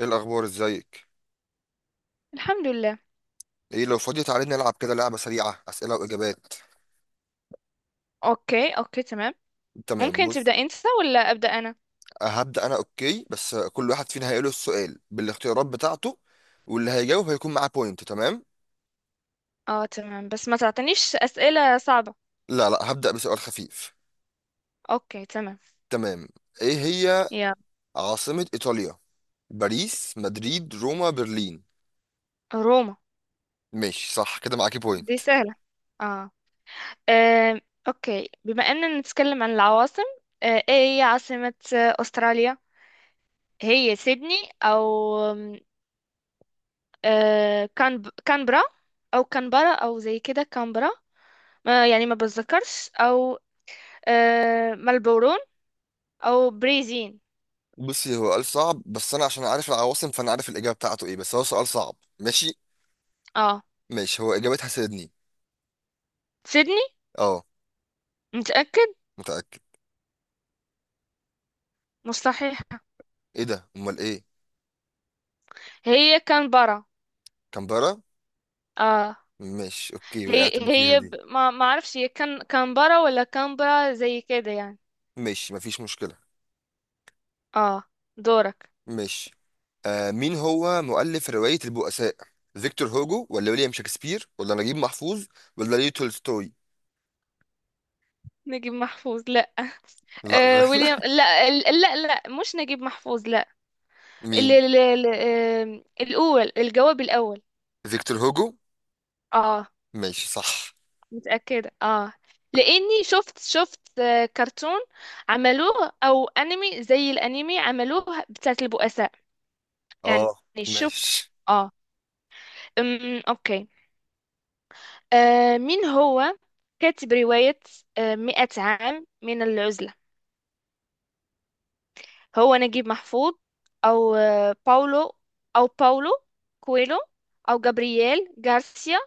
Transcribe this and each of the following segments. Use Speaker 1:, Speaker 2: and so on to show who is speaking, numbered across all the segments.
Speaker 1: ايه الاخبار؟ ازيك؟
Speaker 2: الحمد لله.
Speaker 1: ايه، لو فاضي تعالى نلعب كده لعبه سريعه، اسئله واجابات.
Speaker 2: اوكي اوكي، تمام.
Speaker 1: تمام،
Speaker 2: ممكن تبدأ
Speaker 1: بص
Speaker 2: انت ولا أبدأ انا؟
Speaker 1: هبدا انا. اوكي، بس كل واحد فينا هيقوله السؤال بالاختيارات بتاعته، واللي هيجاوب هيكون معاه بوينت. تمام،
Speaker 2: اه تمام، بس ما تعطينيش أسئلة صعبة.
Speaker 1: لا هبدا بسؤال خفيف.
Speaker 2: اوكي تمام.
Speaker 1: تمام. ايه هي
Speaker 2: يا.
Speaker 1: عاصمه ايطاليا؟ باريس، مدريد، روما، برلين؟
Speaker 2: روما.
Speaker 1: ماشي، صح كده، معاكي
Speaker 2: دي
Speaker 1: بوينت.
Speaker 2: سهلة. اه. آم، اوكي، بما اننا نتكلم عن العواصم، ايه هي عاصمة استراليا؟ هي سيدني، او كانبرا، او كانبرا، او زي كده كانبرا، ما يعني ما بتذكرش. او ملبورون او بريزين.
Speaker 1: بصي، هو قال صعب بس انا عشان عارف العواصم فانا عارف الاجابه بتاعته ايه، بس هو سؤال صعب. ماشي
Speaker 2: اه.
Speaker 1: ماشي، هو اجابتها سيدني.
Speaker 2: سيدني؟
Speaker 1: اه،
Speaker 2: متأكد؟
Speaker 1: متاكد.
Speaker 2: مستحيل.
Speaker 1: ايه ده؟ امال ايه؟
Speaker 2: هي كانبرا.
Speaker 1: كامبرا.
Speaker 2: اه.
Speaker 1: ماشي، اوكي
Speaker 2: هي
Speaker 1: وقعت انا فيها
Speaker 2: هي
Speaker 1: دي.
Speaker 2: ما ما اعرفش، هي كانبرا ولا كانبرا زي كده يعني.
Speaker 1: ماشي، مفيش مشكلة.
Speaker 2: اه، دورك.
Speaker 1: ماشي. آه، مين هو مؤلف رواية البؤساء؟ فيكتور هوجو، ولا ويليام شكسبير، ولا نجيب محفوظ، ولا ليو تولستوي؟
Speaker 2: نجيب محفوظ؟ لا.
Speaker 1: لا غلط.
Speaker 2: ويليام؟ لا، لا لا، مش نجيب محفوظ. لا. ال...
Speaker 1: مين؟
Speaker 2: ال... ال... آم، الاول، الجواب الاول.
Speaker 1: فيكتور هوجو.
Speaker 2: اه،
Speaker 1: ماشي صح.
Speaker 2: متأكدة، اه. لاني شفت كرتون عملوه، او انمي زي الانمي عملوه، بتاعت البؤساء، يعني،
Speaker 1: اه.
Speaker 2: شفت.
Speaker 1: ماشي.
Speaker 2: اه. اوكي. مين هو كاتب رواية مئة عام من العزلة؟ هو نجيب محفوظ، أو باولو، أو باولو كويلو، أو جابرييل غارسيا،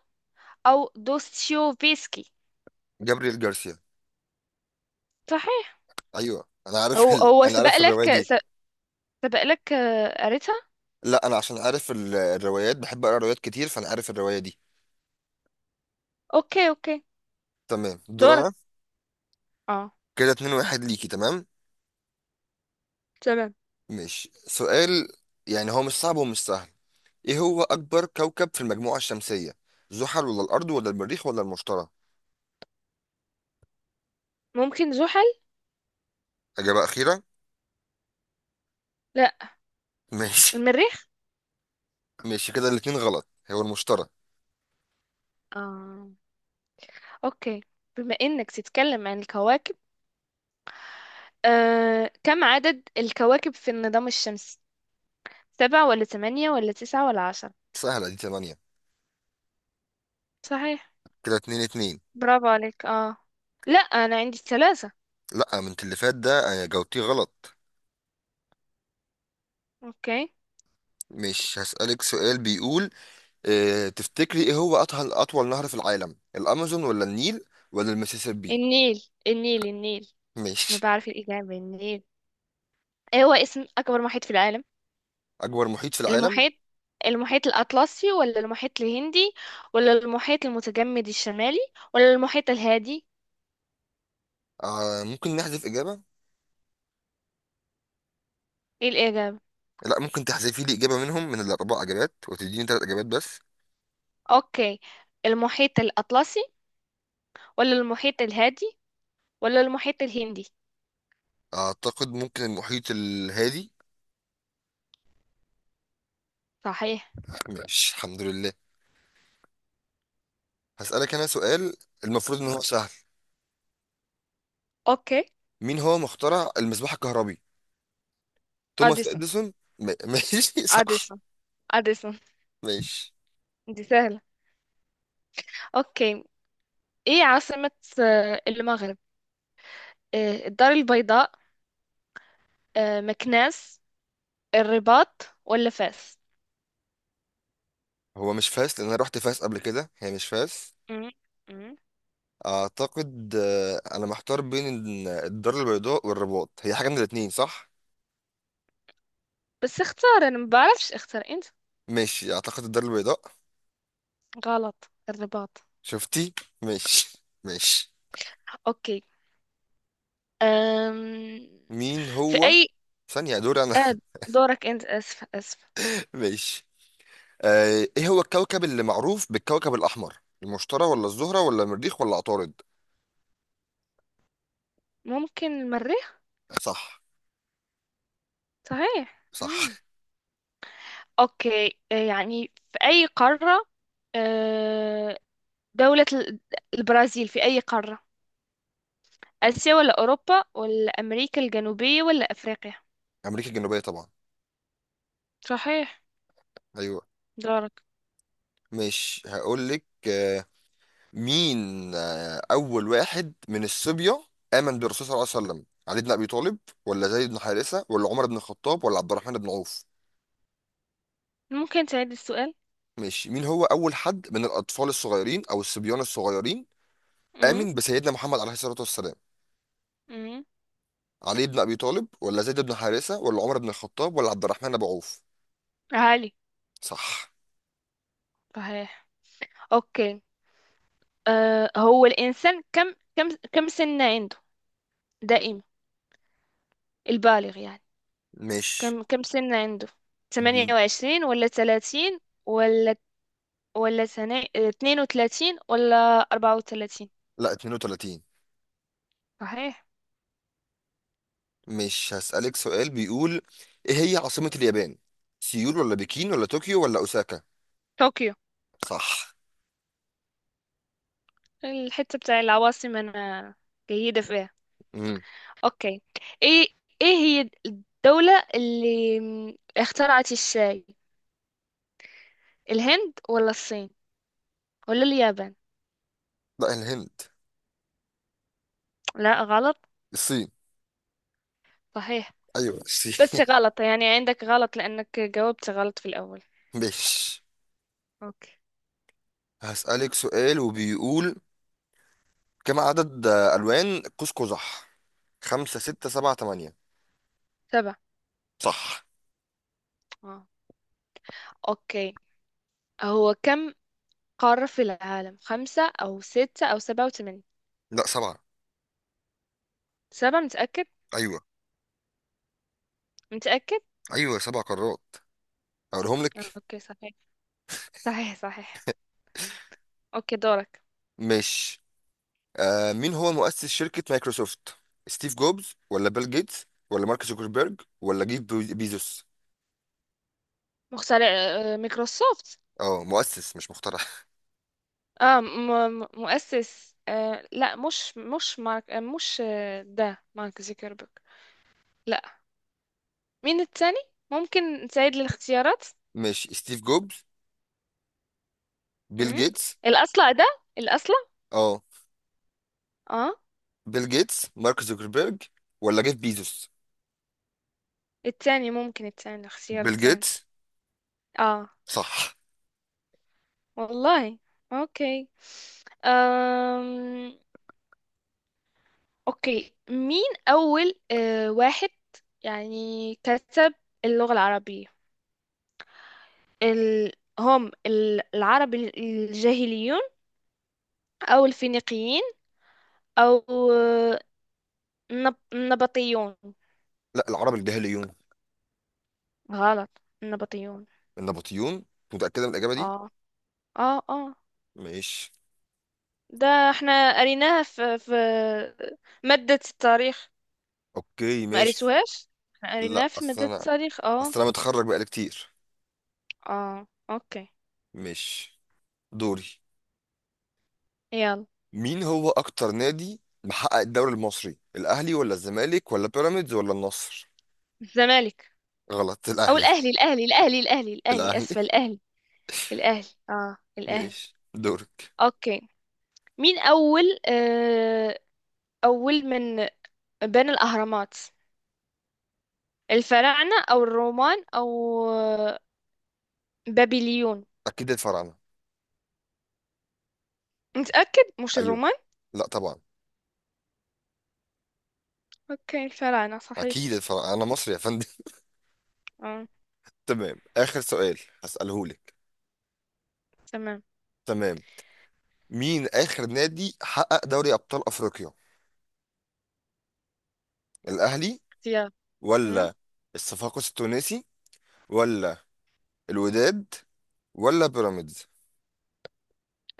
Speaker 2: أو دوستويفسكي.
Speaker 1: جابريل جارسيا.
Speaker 2: صحيح.
Speaker 1: ايوه انا عارف
Speaker 2: هو هو
Speaker 1: انا عارف الرواية دي.
Speaker 2: سبق لك قريتها.
Speaker 1: لا انا عشان عارف الروايات، بحب اقرا روايات كتير، فانا عارف الرواية دي.
Speaker 2: أوكي أوكي.
Speaker 1: تمام، دور
Speaker 2: دورك.
Speaker 1: انا.
Speaker 2: اه
Speaker 1: كده اتنين واحد ليكي. تمام.
Speaker 2: تمام.
Speaker 1: ماشي، سؤال. يعني هو مش صعب ومش سهل. ايه هو اكبر كوكب في المجموعة الشمسية؟ زحل، ولا الارض، ولا المريخ، ولا المشتري؟
Speaker 2: ممكن زحل.
Speaker 1: اجابة اخيرة.
Speaker 2: لا.
Speaker 1: ماشي.
Speaker 2: المريخ.
Speaker 1: ماشي كده، الاتنين غلط، هو المشتري.
Speaker 2: اه. أوكي، بما إنك تتكلم عن الكواكب، كم عدد الكواكب في النظام الشمسي؟ سبعة ولا تمانية ولا تسعة ولا عشرة؟
Speaker 1: سهلة دي، تمانية.
Speaker 2: صحيح.
Speaker 1: كده اتنين اتنين.
Speaker 2: برافو عليك، اه. لا، انا عندي الثلاثة.
Speaker 1: لا، من اللي فات ده جاوبتيه غلط.
Speaker 2: اوكي.
Speaker 1: مش هسألك سؤال بيقول، اه تفتكري ايه هو اطول نهر في العالم؟ الامازون، ولا النيل، ولا المسيسيبي؟
Speaker 2: النيل النيل النيل. انا
Speaker 1: ماشي.
Speaker 2: بعرف الاجابة، النيل. ايه هو اسم اكبر محيط في العالم؟
Speaker 1: اكبر محيط في العالم.
Speaker 2: المحيط المحيط الاطلسي ولا المحيط الهندي ولا المحيط المتجمد الشمالي ولا المحيط الهادي؟
Speaker 1: آه، ممكن نحذف اجابة؟
Speaker 2: ايه الاجابة؟
Speaker 1: لا، ممكن تحذفي لي اجابة منهم من الاربع اجابات وتديني ثلاث اجابات بس.
Speaker 2: اوكي، المحيط الاطلسي ولا المحيط الهادي ولا المحيط الهندي.
Speaker 1: اعتقد ممكن المحيط الهادي.
Speaker 2: صحيح.
Speaker 1: ماشي، الحمد لله. هسألك انا سؤال، المفروض ان هو سهل.
Speaker 2: اوكي.
Speaker 1: مين هو مخترع المصباح الكهربي؟ توماس
Speaker 2: اديسون
Speaker 1: اديسون. ماشي صح.
Speaker 2: اديسون اديسون.
Speaker 1: ماشي.
Speaker 2: دي سهلة. اوكي. ايه عاصمة المغرب؟ الدار البيضاء، مكناس، الرباط، ولا فاس؟
Speaker 1: هو مش فاس، لان انا رحت فاس قبل كده، هي مش فاس.
Speaker 2: مم. مم.
Speaker 1: اعتقد انا محتار بين الدار البيضاء والرباط، هي حاجة من الاتنين، صح؟
Speaker 2: بس اختار انا، ما بعرفش، اختار انت.
Speaker 1: ماشي اعتقد الدار البيضاء.
Speaker 2: غلط، الرباط.
Speaker 1: شفتي؟ ماشي ماشي.
Speaker 2: اوكي. أم...
Speaker 1: مين
Speaker 2: في
Speaker 1: هو؟
Speaker 2: اي
Speaker 1: ثانية، دور انا.
Speaker 2: آه، دورك انت، اسفة اسفة.
Speaker 1: ماشي. ايه هو الكوكب اللي معروف بالكوكب الاحمر؟ المشتري، ولا الزهرة، ولا المريخ، ولا عطارد؟
Speaker 2: ممكن المريخ.
Speaker 1: صح.
Speaker 2: صحيح.
Speaker 1: صح.
Speaker 2: مم. اوكي، يعني في اي قارة، آه، دولة ال- البرازيل في اي قارة؟ اسيا ولا اوروبا ولا امريكا الجنوبية ولا افريقيا؟
Speaker 1: امريكا الجنوبية طبعا.
Speaker 2: صحيح.
Speaker 1: ايوه.
Speaker 2: دورك.
Speaker 1: مش هقول لك. مين؟ آه، اول واحد من الصبية امن بالرسول صلى الله عليه وسلم؟ علي بن ابي طالب، ولا زيد بن حارثة، ولا عمر بن الخطاب، ولا عبد الرحمن بن عوف؟
Speaker 2: ممكن تعيد السؤال.
Speaker 1: ماشي، مين هو اول حد من الاطفال الصغيرين او الصبيان الصغيرين
Speaker 2: امم
Speaker 1: امن بسيدنا محمد عليه الصلاة والسلام؟
Speaker 2: امم
Speaker 1: علي بن ابي طالب، ولا زيد بن حارثة، ولا عمر بن الخطاب، ولا عبد الرحمن بن عوف؟
Speaker 2: عالي.
Speaker 1: صح.
Speaker 2: صحيح. اوكي. هو الانسان كم سنة عنده؟ دائما، البالغ يعني.
Speaker 1: مش
Speaker 2: كم سنة عنده؟
Speaker 1: دي.
Speaker 2: 28 ولا 30 ولا ولا سنة 32 ولا 34؟
Speaker 1: لا 32.
Speaker 2: صحيح.
Speaker 1: مش هسألك سؤال بيقول، ايه هي عاصمة اليابان؟ سيول، ولا بكين، ولا طوكيو، ولا اوساكا؟
Speaker 2: طوكيو.
Speaker 1: صح.
Speaker 2: الحتة بتاع العواصم انا جيدة فيها.
Speaker 1: امم.
Speaker 2: اوكي. ايه ايه هي الدولة اللي اخترعت الشاي؟ الهند ولا الصين ولا اليابان؟
Speaker 1: لا الهند.
Speaker 2: لا غلط.
Speaker 1: الصين.
Speaker 2: صحيح.
Speaker 1: ايوه
Speaker 2: بس
Speaker 1: الصين.
Speaker 2: غلط، يعني عندك غلط، لأنك جاوبت غلط في الأول.
Speaker 1: مش
Speaker 2: اوكي.
Speaker 1: هسألك سؤال وبيقول، كم عدد الوان قوس قزح؟ خمسة، ستة، سبعة، تمانية؟
Speaker 2: سبعة.
Speaker 1: صح.
Speaker 2: اه. اوكي. هو كم قارة في العالم؟ خمسة أو ستة أو سبعة وثمانية؟
Speaker 1: لا سبعة.
Speaker 2: سبعة، متأكد؟
Speaker 1: ايوه.
Speaker 2: متأكد.
Speaker 1: ايوه سبع قارات، اقولهم لك.
Speaker 2: اوكي. صحيح صحيح صحيح. اوكي، دورك.
Speaker 1: مش آه، مين هو مؤسس شركة مايكروسوفت؟ ستيف جوبز، ولا بيل جيتس، ولا مارك زوكربيرج، ولا جيف بيزوس؟
Speaker 2: مخترع مايكروسوفت.
Speaker 1: اه مؤسس مش مخترع.
Speaker 2: اه، م م مؤسس. لا، مش مارك، مش، ده مارك زوكربيرج. لا. مين التاني؟ ممكن نساعد للاختيارات.
Speaker 1: ماشي، ستيف جوبز، بيل
Speaker 2: امم
Speaker 1: جيتس.
Speaker 2: الأصلع ده، الأصلع.
Speaker 1: اه.
Speaker 2: اه.
Speaker 1: بيل جيتس، مارك زوكربيرج، ولا جيف بيزوس؟
Speaker 2: ممكن الاختيار
Speaker 1: بيل
Speaker 2: التاني.
Speaker 1: جيتس.
Speaker 2: اه.
Speaker 1: صح.
Speaker 2: والله. اوكي. أم... اوكي، مين أول واحد يعني كتب اللغة العربية؟ ال... هم العرب الجاهليون، أو الفينيقيين، أو آه، النبطيون؟
Speaker 1: لا العرب الجاهليون.
Speaker 2: غلط، النبطيون.
Speaker 1: النبطيون؟ متأكدة من الإجابة دي؟
Speaker 2: اه اه اه.
Speaker 1: ماشي.
Speaker 2: ده احنا قريناها في مادة التاريخ.
Speaker 1: اوكي
Speaker 2: ما
Speaker 1: ماشي.
Speaker 2: قريتوهاش؟ احنا
Speaker 1: لا
Speaker 2: قريناها في
Speaker 1: اصل
Speaker 2: مادة
Speaker 1: انا،
Speaker 2: التاريخ، اه.
Speaker 1: اصل انا متخرج بقالي كتير.
Speaker 2: اه. اوكي.
Speaker 1: ماشي، دوري.
Speaker 2: يلا.
Speaker 1: مين هو اكتر نادي محقق الدوري المصري؟ الاهلي، ولا الزمالك، ولا بيراميدز، ولا النصر؟
Speaker 2: الزمالك.
Speaker 1: غلط،
Speaker 2: او
Speaker 1: الاهلي.
Speaker 2: الاهلي الاهلي الاهلي الاهلي الاهلي،
Speaker 1: الاهلي.
Speaker 2: اسفة، الاهلي. الاهلي، اه، الاهلي.
Speaker 1: ماشي، دورك.
Speaker 2: اوكي. مين اول اول من بنى الاهرامات؟ الفراعنة او الرومان او آه، بابليون؟
Speaker 1: اكيد الفراعنه.
Speaker 2: متأكد؟ مش
Speaker 1: ايوه.
Speaker 2: الرومان.
Speaker 1: لا طبعا.
Speaker 2: اوكي، الفراعنة. صحيح.
Speaker 1: اكيد الفراعنه، انا مصري يا فندم.
Speaker 2: اه
Speaker 1: تمام اخر سؤال هساله لك.
Speaker 2: تمام.
Speaker 1: تمام. مين اخر نادي حقق دوري ابطال افريقيا؟ الاهلي،
Speaker 2: يلا.
Speaker 1: ولا الصفاقس التونسي، ولا الوداد، ولا بيراميدز؟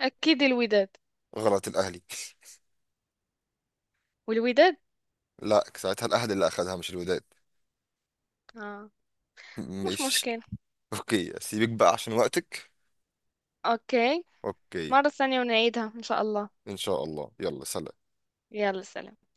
Speaker 2: أكيد الوداد.
Speaker 1: غلط، الاهلي.
Speaker 2: والوداد.
Speaker 1: لا ساعتها الاهلي اللي اخذها مش الوداد.
Speaker 2: آه. مش
Speaker 1: ماشي.
Speaker 2: مشكلة.
Speaker 1: اوكي سيبك بقى عشان وقتك.
Speaker 2: أوكي.
Speaker 1: اوكي.
Speaker 2: مرة ثانية ونعيدها إن شاء الله.
Speaker 1: ان شاء الله، يلا سلام.
Speaker 2: يلا سلام.